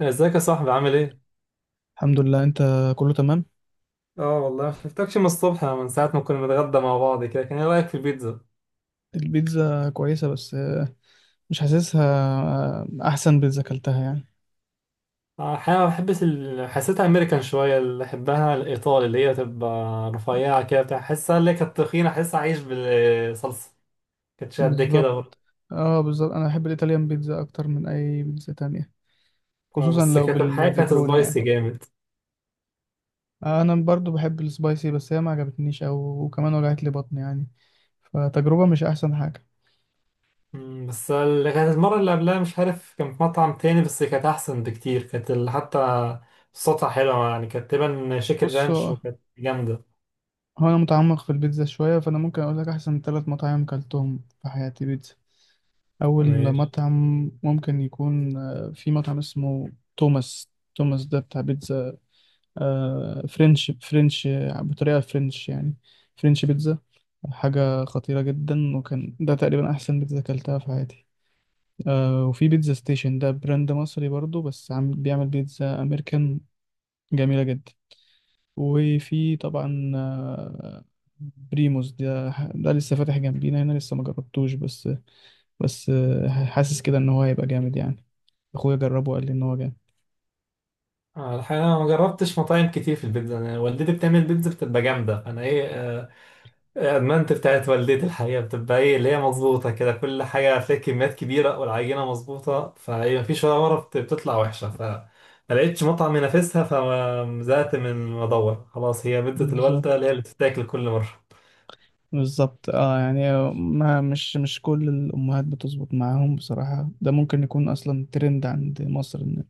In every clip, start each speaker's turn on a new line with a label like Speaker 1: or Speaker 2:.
Speaker 1: ازيك يا صاحبي؟ عامل ايه؟
Speaker 2: الحمد لله، انت؟ كله تمام.
Speaker 1: اه والله ما شفتكش من الصبح، من ساعة ما كنا بنتغدى مع بعض كده. كان ايه رأيك في البيتزا؟
Speaker 2: البيتزا كويسة بس مش حاسسها. احسن بيتزا اكلتها يعني.
Speaker 1: الحقيقة ما بحبش حسيتها امريكان شوية، اللي بحبها الايطالي اللي هي تبقى رفيعة كده بتاع، حسها اللي هي كانت تخينة حس عايش بالصلصة، كانتش قد كده
Speaker 2: بالظبط.
Speaker 1: برضه.
Speaker 2: اه، بالظبط، انا بحب الايطاليان بيتزا اكتر من اي بيتزا تانية، خصوصا
Speaker 1: بس
Speaker 2: لو
Speaker 1: كانت الحقيقة كانت
Speaker 2: بالبيبروني يعني.
Speaker 1: سبايسي جامد.
Speaker 2: انا برضو بحب السبايسي، بس هي ما عجبتنيش، وكمان وجعت لي بطني يعني. فتجربة مش احسن حاجة.
Speaker 1: بس اللي كانت المرة اللي قبلها مش عارف، كان في مطعم تاني بس كانت أحسن بكتير، كانت حتى صوتها حلوة يعني، كانت تبان شيكن
Speaker 2: بص.
Speaker 1: رانش
Speaker 2: هو
Speaker 1: وكانت جامدة.
Speaker 2: هو انا متعمق في البيتزا شوية، فانا ممكن اقول لك احسن ثلاث مطاعم كلتهم في حياتي بيتزا. أول مطعم ممكن يكون، في مطعم اسمه توماس. توماس ده بتاع بيتزا. فرنش، بطريقة فرنش يعني. فرنش بيتزا. حاجة خطيرة جدا، وكان ده تقريبا أحسن بيتزا أكلتها في حياتي. وفي بيتزا ستيشن، ده براند مصري برضو بس عم بيعمل بيتزا أمريكان. جميلة جدا. وفي طبعا بريموس ده. ده لسه فاتح جنبينا هنا، لسه ما جربتوش، بس. بس حاسس كده ان هو هيبقى جامد يعني. اخويا جربه وقال لي ان هو جامد.
Speaker 1: الحقيقة أنا ما جربتش مطاعم كتير في البيتزا. أنا والدتي بتعمل بيتزا بتبقى جامدة. أنا إيه أدمنت بتاعت والدتي الحقيقة، بتبقى إيه اللي هي مظبوطة كده، كل حاجة فيها كميات كبيرة، والعجينة مظبوطة، فهي مفيش ولا مرة بتطلع وحشة، فما لقيتش مطعم ينافسها، فزهقت من ما أدور. خلاص، هي بيتزا الوالدة اللي هي
Speaker 2: بالظبط.
Speaker 1: اللي بتتاكل كل مرة.
Speaker 2: بالظبط، اه. يعني ما مش كل الامهات بتظبط معاهم بصراحة، ده ممكن يكون اصلا ترند عند مصر ان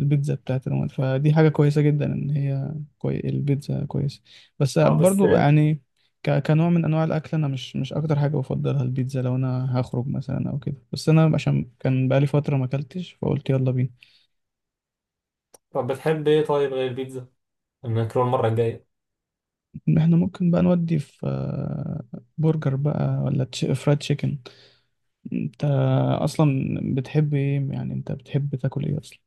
Speaker 2: البيتزا بتاعت الامهات. فدي حاجة كويسة جدا، ان هي البيتزا كويسة. بس
Speaker 1: أه بس
Speaker 2: برضو
Speaker 1: إيه،
Speaker 2: يعني. كنوع من انواع الاكل، انا مش اكتر حاجة بفضلها البيتزا لو انا هخرج مثلا او كده، بس انا عشان كان بقالي فترة ما اكلتش، فقلت يلا بينا.
Speaker 1: طب بتحب إيه طيب غير البيتزا؟ نكرر المرة الجاية.
Speaker 2: احنا ممكن بقى نودي في برجر بقى، ولا فرايد تشيكن؟ انت اصلا بتحب ايه يعني؟ انت بتحب تاكل ايه اصلا؟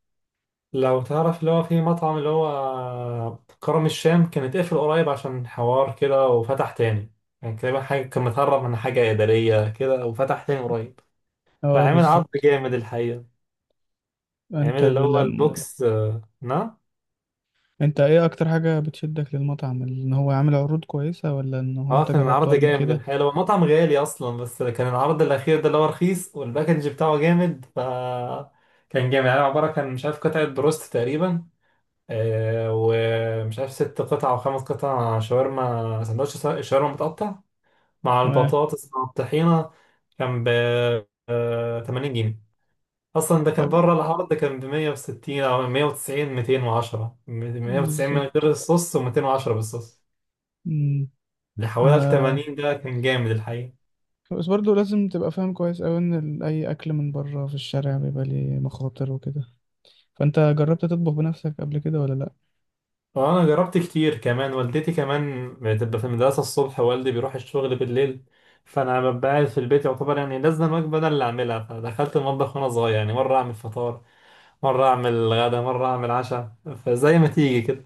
Speaker 1: لو تعرف اللي هو في مطعم اللي هو كرم الشام، كان اتقفل قريب عشان حوار كده وفتح تاني، يعني تقريبا حاجة كان متهرب من حاجة إدارية كده، وفتح تاني قريب،
Speaker 2: اه،
Speaker 1: فعمل عرض
Speaker 2: بالظبط.
Speaker 1: جامد الحقيقة. عمل
Speaker 2: انت
Speaker 1: اللي هو
Speaker 2: لم...
Speaker 1: البوكس. نعم،
Speaker 2: انت ايه اكتر حاجة بتشدك للمطعم؟ ان هو عامل عروض كويسة، ولا ان هو انت
Speaker 1: اه كان
Speaker 2: جربته
Speaker 1: عرض
Speaker 2: قبل
Speaker 1: جامد
Speaker 2: كده؟
Speaker 1: الحقيقة. هو مطعم غالي أصلا، بس كان العرض الأخير ده اللي هو رخيص، والباكج بتاعه جامد. ف كان جامد يعني، عبارة كان مش عارف قطعة بروست تقريبا، ومش عارف ست قطع أو خمس قطع شاورما، سندوتش شاورما متقطع مع
Speaker 2: تمام.
Speaker 1: البطاطس مع الطحينة، كان ب 80 جنيه أصلا. ده كان
Speaker 2: طب.
Speaker 1: بره العرض كان ب 160 أو 190، 210، 190 من
Speaker 2: بالظبط.
Speaker 1: غير الصوص و210 بالصوص.
Speaker 2: مم.
Speaker 1: اللي حوالي
Speaker 2: آه.
Speaker 1: 80 ده كان جامد الحقيقة.
Speaker 2: بس برضه لازم تبقى فاهم كويس أوي إن أي أكل من بره في الشارع بيبقى ليه مخاطر وكده. فأنت جربت تطبخ بنفسك قبل كده، ولا لأ؟
Speaker 1: وأنا جربت كتير كمان. والدتي كمان بتبقى في المدرسة الصبح، والدي بيروح الشغل بالليل، فأنا ببقى قاعد في البيت يعتبر، يعني لازم الوجبة أنا اللي أعملها. فدخلت المطبخ وأنا صغير يعني، مرة أعمل فطار مرة أعمل غدا مرة أعمل عشاء، فزي ما تيجي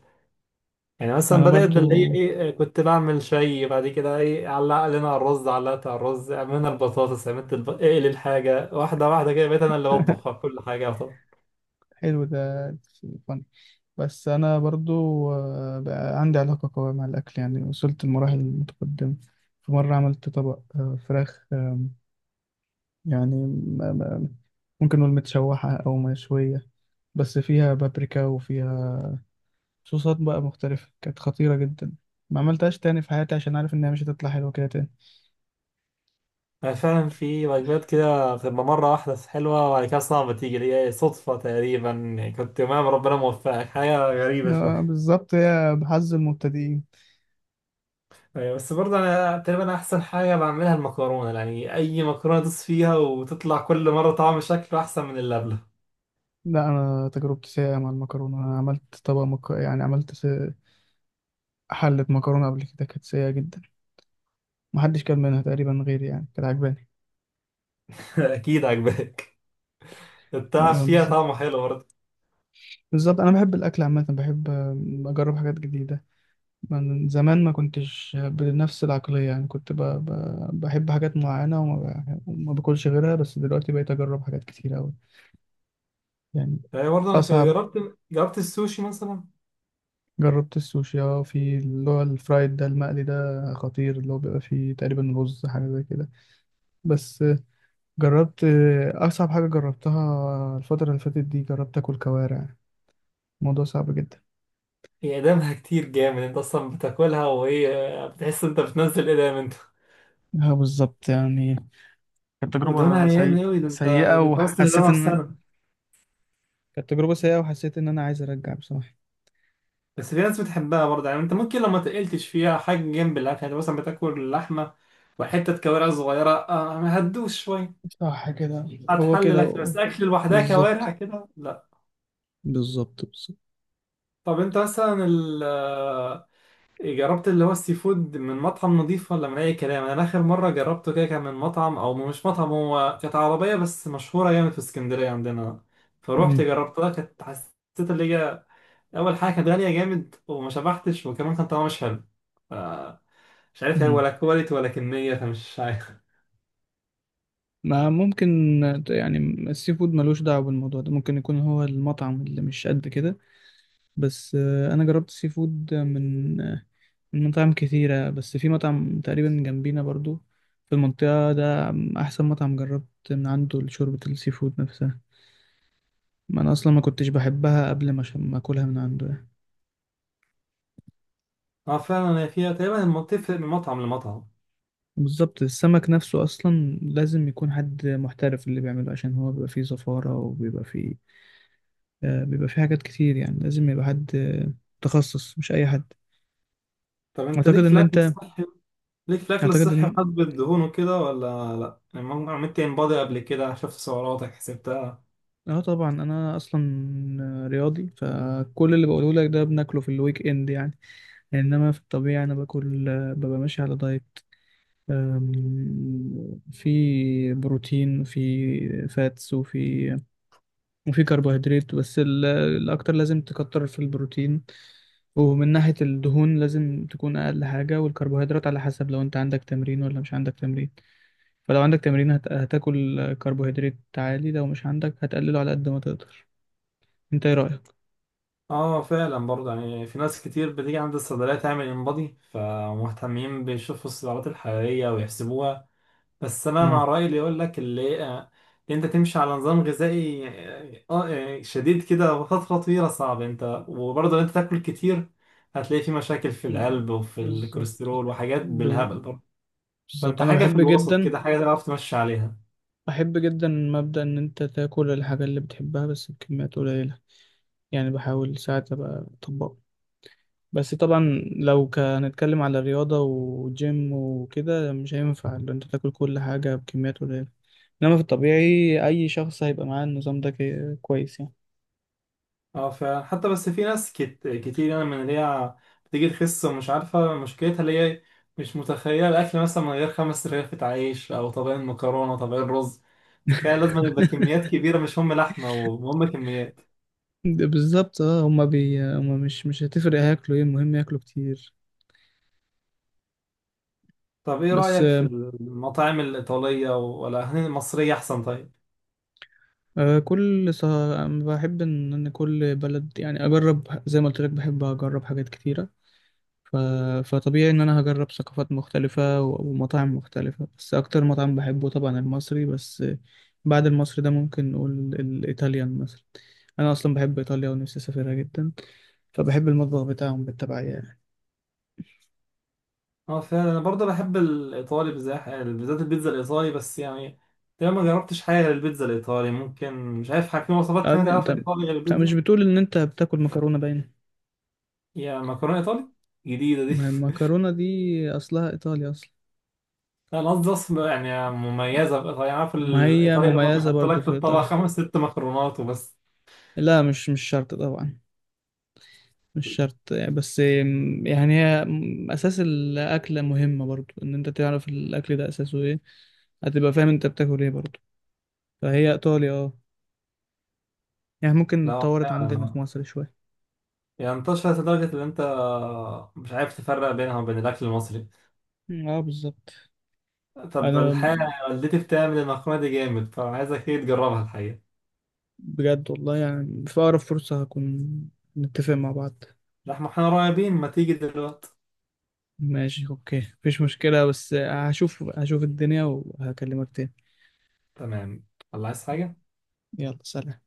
Speaker 1: يعني. مثلا
Speaker 2: أنا
Speaker 1: بدأت باللي هي
Speaker 2: برضو.
Speaker 1: ايه كنت بعمل شاي، بعد كده ايه علق لنا على الرز، علقت على الرز، عملنا البطاطس، عملت اقل الحاجة واحدة واحدة كده، بقيت انا اللي بطبخ كل حاجة طبعا.
Speaker 2: حلو ده. بس أنا برضو، بقى عندي علاقة قوية مع الأكل، يعني وصلت لمراحل متقدمة. في مرة عملت طبق فراخ، يعني ممكن نقول متشوحة أو مشوية، بس فيها بابريكا وفيها صوصات بقى مختلفة. كانت خطيرة جدا. ما عملتهاش تاني في حياتي، عشان عارف إنها مش هتطلع حلوة كده تاني.
Speaker 1: أنا فعلا في وجبات كده بتبقى مرة واحدة حلوة وبعد كده صعبة تيجي، اللي هي صدفة تقريبا يعني، كنت يومها ربنا موفقك حاجة غريبة شوية.
Speaker 2: بالظبط، هي بحظ المبتدئين.
Speaker 1: أيوة، بس برضه انا تقريبا احسن حاجة بعملها المكرونة، يعني اي مكرونة تدوس فيها وتطلع كل مرة طعم شكله احسن من اللي قبلها.
Speaker 2: لا، أنا تجربتي سيئة مع المكرونة. أنا عملت طبق يعني عملت حلة مكرونة قبل كده، كانت سيئة جدا. محدش كان منها تقريبا غيري، يعني كانت عجباني.
Speaker 1: اكيد عجباك، التعب فيها
Speaker 2: بالظبط.
Speaker 1: طعمه حلو.
Speaker 2: بالظبط، انا بحب الاكل عامه، بحب اجرب حاجات جديده. من زمان ما كنتش بنفس العقليه، يعني كنت بحب حاجات معينه، وما باكلش غيرها. بس دلوقتي بقيت اجرب حاجات كتير قوي يعني.
Speaker 1: يعني برضه انا
Speaker 2: اصعب.
Speaker 1: جربت السوشي مثلا.
Speaker 2: جربت السوشي، اه، في اللي هو الفرايد ده، المقلي ده. خطير، اللي هو بيبقى فيه تقريبا رز حاجه زي كده. بس جربت آه، اصعب حاجه جربتها الفتره اللي فاتت دي، جربت اكل كوارع. الموضوع صعب جدا.
Speaker 1: هي اقدامها كتير جامد، انت اصلا بتاكلها وهي بتحس انت بتنزل اقدام انت،
Speaker 2: اه، بالظبط يعني. كانت
Speaker 1: ودهونها
Speaker 2: تجربة
Speaker 1: عيان
Speaker 2: سيئة.
Speaker 1: اوي، ده انت
Speaker 2: سيئة
Speaker 1: ده انت وصل
Speaker 2: وحسيت
Speaker 1: لدهونها في
Speaker 2: إن
Speaker 1: سنة.
Speaker 2: كانت تجربة سيئة، وحسيت إن أنا عايز أرجع بصراحة.
Speaker 1: بس في ناس بتحبها برضه يعني، انت ممكن لو ما تقلتش فيها حاجة جنب الاكل، يعني مثلا بتاكل اللحمة وحتة كوارع صغيرة، ما هتدوش شوية،
Speaker 2: صح كده. هو
Speaker 1: هتحل
Speaker 2: كده
Speaker 1: الاكل، بس اكل لوحدها كوارع
Speaker 2: بالظبط.
Speaker 1: كده لا.
Speaker 2: بالظبط، بالظبط.
Speaker 1: طب انت مثلا جربت اللي هو السي فود من مطعم نظيف ولا من اي كلام؟ انا اخر مره جربته كده كان من مطعم، او مش مطعم، هو كانت عربيه بس مشهوره جامد في اسكندريه عندنا، فروحت
Speaker 2: مم.
Speaker 1: جربتها، كانت حسيت اللي هي اول حاجه كانت غاليه جامد، وما شبعتش، وكمان كان طعمها مش حلو. ف- مش عارف هي
Speaker 2: مم.
Speaker 1: ولا كواليتي ولا كميه، فمش عارف.
Speaker 2: ما ممكن يعني، السي فود ملوش دعوة بالموضوع ده، ممكن يكون هو المطعم اللي مش قد كده. بس أنا جربت السي فود من من مطاعم كتيرة، بس في مطعم تقريبا جنبينا برضو، في المنطقة ده، أحسن مطعم جربت من عنده شوربة السي فود نفسها. ما انا اصلا ما كنتش بحبها قبل ما عشان ما اكلها من عنده يعني.
Speaker 1: اه فعلا هي فيها تقريبا بتفرق من مطعم لمطعم.
Speaker 2: بالظبط. السمك نفسه اصلا لازم يكون حد محترف اللي بيعمله، عشان هو بيبقى فيه زفارة، وبيبقى فيه بيبقى فيه حاجات كتير، يعني لازم يبقى حد متخصص، مش اي حد.
Speaker 1: طب انت ليك
Speaker 2: اعتقد
Speaker 1: في
Speaker 2: ان
Speaker 1: الاكل
Speaker 2: انت
Speaker 1: الصحي، ليك في الاكل
Speaker 2: اعتقد
Speaker 1: الصحي
Speaker 2: ان
Speaker 1: وحاسب الدهون وكده ولا لا؟ يعني عملت ان بادي قبل كده، شفت سعراتك حسبت؟
Speaker 2: اه، طبعا. انا اصلا رياضي، فكل اللي بقوله لك ده بناكله في الويك اند يعني. انما في الطبيعة انا باكل آه، ببقى ماشي على دايت. آم، في بروتين، في فاتس، وفي كربوهيدرات. بس الأكتر لازم تكتر في البروتين، ومن ناحية الدهون لازم تكون أقل حاجة، والكربوهيدرات على حسب لو أنت عندك تمرين ولا مش عندك تمرين. فلو عندك تمرين هتاكل كربوهيدرات عالي، لو مش عندك هتقلله على قد ما تقدر. أنت إيه رأيك؟
Speaker 1: اه فعلا برضه يعني في ناس كتير بتيجي عند الصيدلية تعمل انبادي، فمهتمين بيشوفوا السعرات الحرارية ويحسبوها. بس انا
Speaker 2: مم.
Speaker 1: مع رأيي اللي يقول لك اللي اللي انت تمشي على نظام غذائي، اه شديد كده وفترة طويلة صعب انت، وبرضه لو انت تاكل كتير هتلاقي في مشاكل في القلب وفي
Speaker 2: بالظبط.
Speaker 1: الكوليسترول وحاجات
Speaker 2: ب-
Speaker 1: بالهبل برضه.
Speaker 2: بالظبط.
Speaker 1: فانت
Speaker 2: أنا
Speaker 1: حاجة في
Speaker 2: بحب
Speaker 1: الوسط
Speaker 2: جدا.
Speaker 1: كده، حاجة تعرف تمشي عليها.
Speaker 2: بحب جدا مبدأ إن أنت تاكل الحاجة اللي بتحبها بس بكميات قليلة، يعني بحاول ساعات أبقى أطبقه. بس طبعا لو هنتكلم على رياضة وجيم وكده مش هينفع، لأن انت تاكل كل حاجة بكميات قليلة. انما في الطبيعي اي شخص هيبقى معاه النظام ده كويس يعني.
Speaker 1: اه فعلا، حتى بس في ناس كتير يعني، من اللي هي بتيجي تخس ومش عارفة مشكلتها، اللي هي مش متخيلة الأكل مثلا من غير خمس رغيفة عيش أو طبقين مكرونة طبقين رز. تخيل لازم يبقى كميات كبيرة، مش هم لحمة وهم كميات.
Speaker 2: ده بالظبط، اه. هما مش هتفرق، هياكلوا ايه، المهم ياكلوا كتير.
Speaker 1: طب إيه
Speaker 2: بس
Speaker 1: رأيك في المطاعم الإيطالية ولا المصرية أحسن طيب؟
Speaker 2: بحب ان كل بلد، يعني اجرب زي ما قلت لك، بحب اجرب حاجات كتيرة. ف... فطبيعي إن أنا هجرب ثقافات مختلفة ومطاعم مختلفة، بس أكتر مطعم بحبه طبعا المصري. بس بعد المصري ده ممكن نقول الإيطاليان مثلا. أنا أصلا بحب إيطاليا ونفسي أسافرها جدا، فبحب المطبخ بتاعهم بالتبعية يعني.
Speaker 1: اه فعلا أنا برضه بحب الإيطالي بالذات، بالذات البيتزا الإيطالي بس يعني، تقريبا ما جربتش حاجة غير البيتزا الإيطالي. ممكن مش عارف في وصفات تانية
Speaker 2: أنت
Speaker 1: تعرفها إيطالي غير
Speaker 2: أنت مش
Speaker 1: البيتزا؟
Speaker 2: بتقول إن أنت بتاكل مكرونة؟ باينة،
Speaker 1: يا مكرونة إيطالي جديدة دي!
Speaker 2: ما المكرونة دي أصلها إيطاليا أصلا.
Speaker 1: أنا قصدي أصلا يعني مميزة بإيطاليا، أنا عارف
Speaker 2: ما هي
Speaker 1: الإيطالية اللي هما
Speaker 2: مميزة
Speaker 1: بيحط
Speaker 2: برضو
Speaker 1: لك في
Speaker 2: في
Speaker 1: الطبق
Speaker 2: إيطاليا.
Speaker 1: خمس ست مكرونات وبس.
Speaker 2: لا، مش شرط طبعا. مش شرط يعني، بس يعني هي أساس الأكلة مهمة برضو، إن أنت تعرف الأكل ده أساسه إيه، هتبقى فاهم أنت بتاكل إيه برضو. فهي إيطاليا، أه، يعني ممكن
Speaker 1: لا
Speaker 2: اتطورت عندنا في
Speaker 1: فعلا،
Speaker 2: مصر شوية.
Speaker 1: يعني انتشرت لدرجة إن أنت مش عارف تفرق بينها وبين الأكل المصري.
Speaker 2: أه، بالظبط.
Speaker 1: طب
Speaker 2: أنا
Speaker 1: الحقيقة والدتي بتعمل المكرونة دي جامد، فعايزك إيه تجربها الحقيقة.
Speaker 2: بجد والله، يعني في أقرب فرصة هكون نتفق مع بعض.
Speaker 1: لا، إحنا قريبين، ما تيجي دلوقتي.
Speaker 2: ماشي، أوكي، مفيش مشكلة، بس هشوف الدنيا وهكلمك تاني.
Speaker 1: تمام. الله، عايز حاجة؟
Speaker 2: يلا، سلام.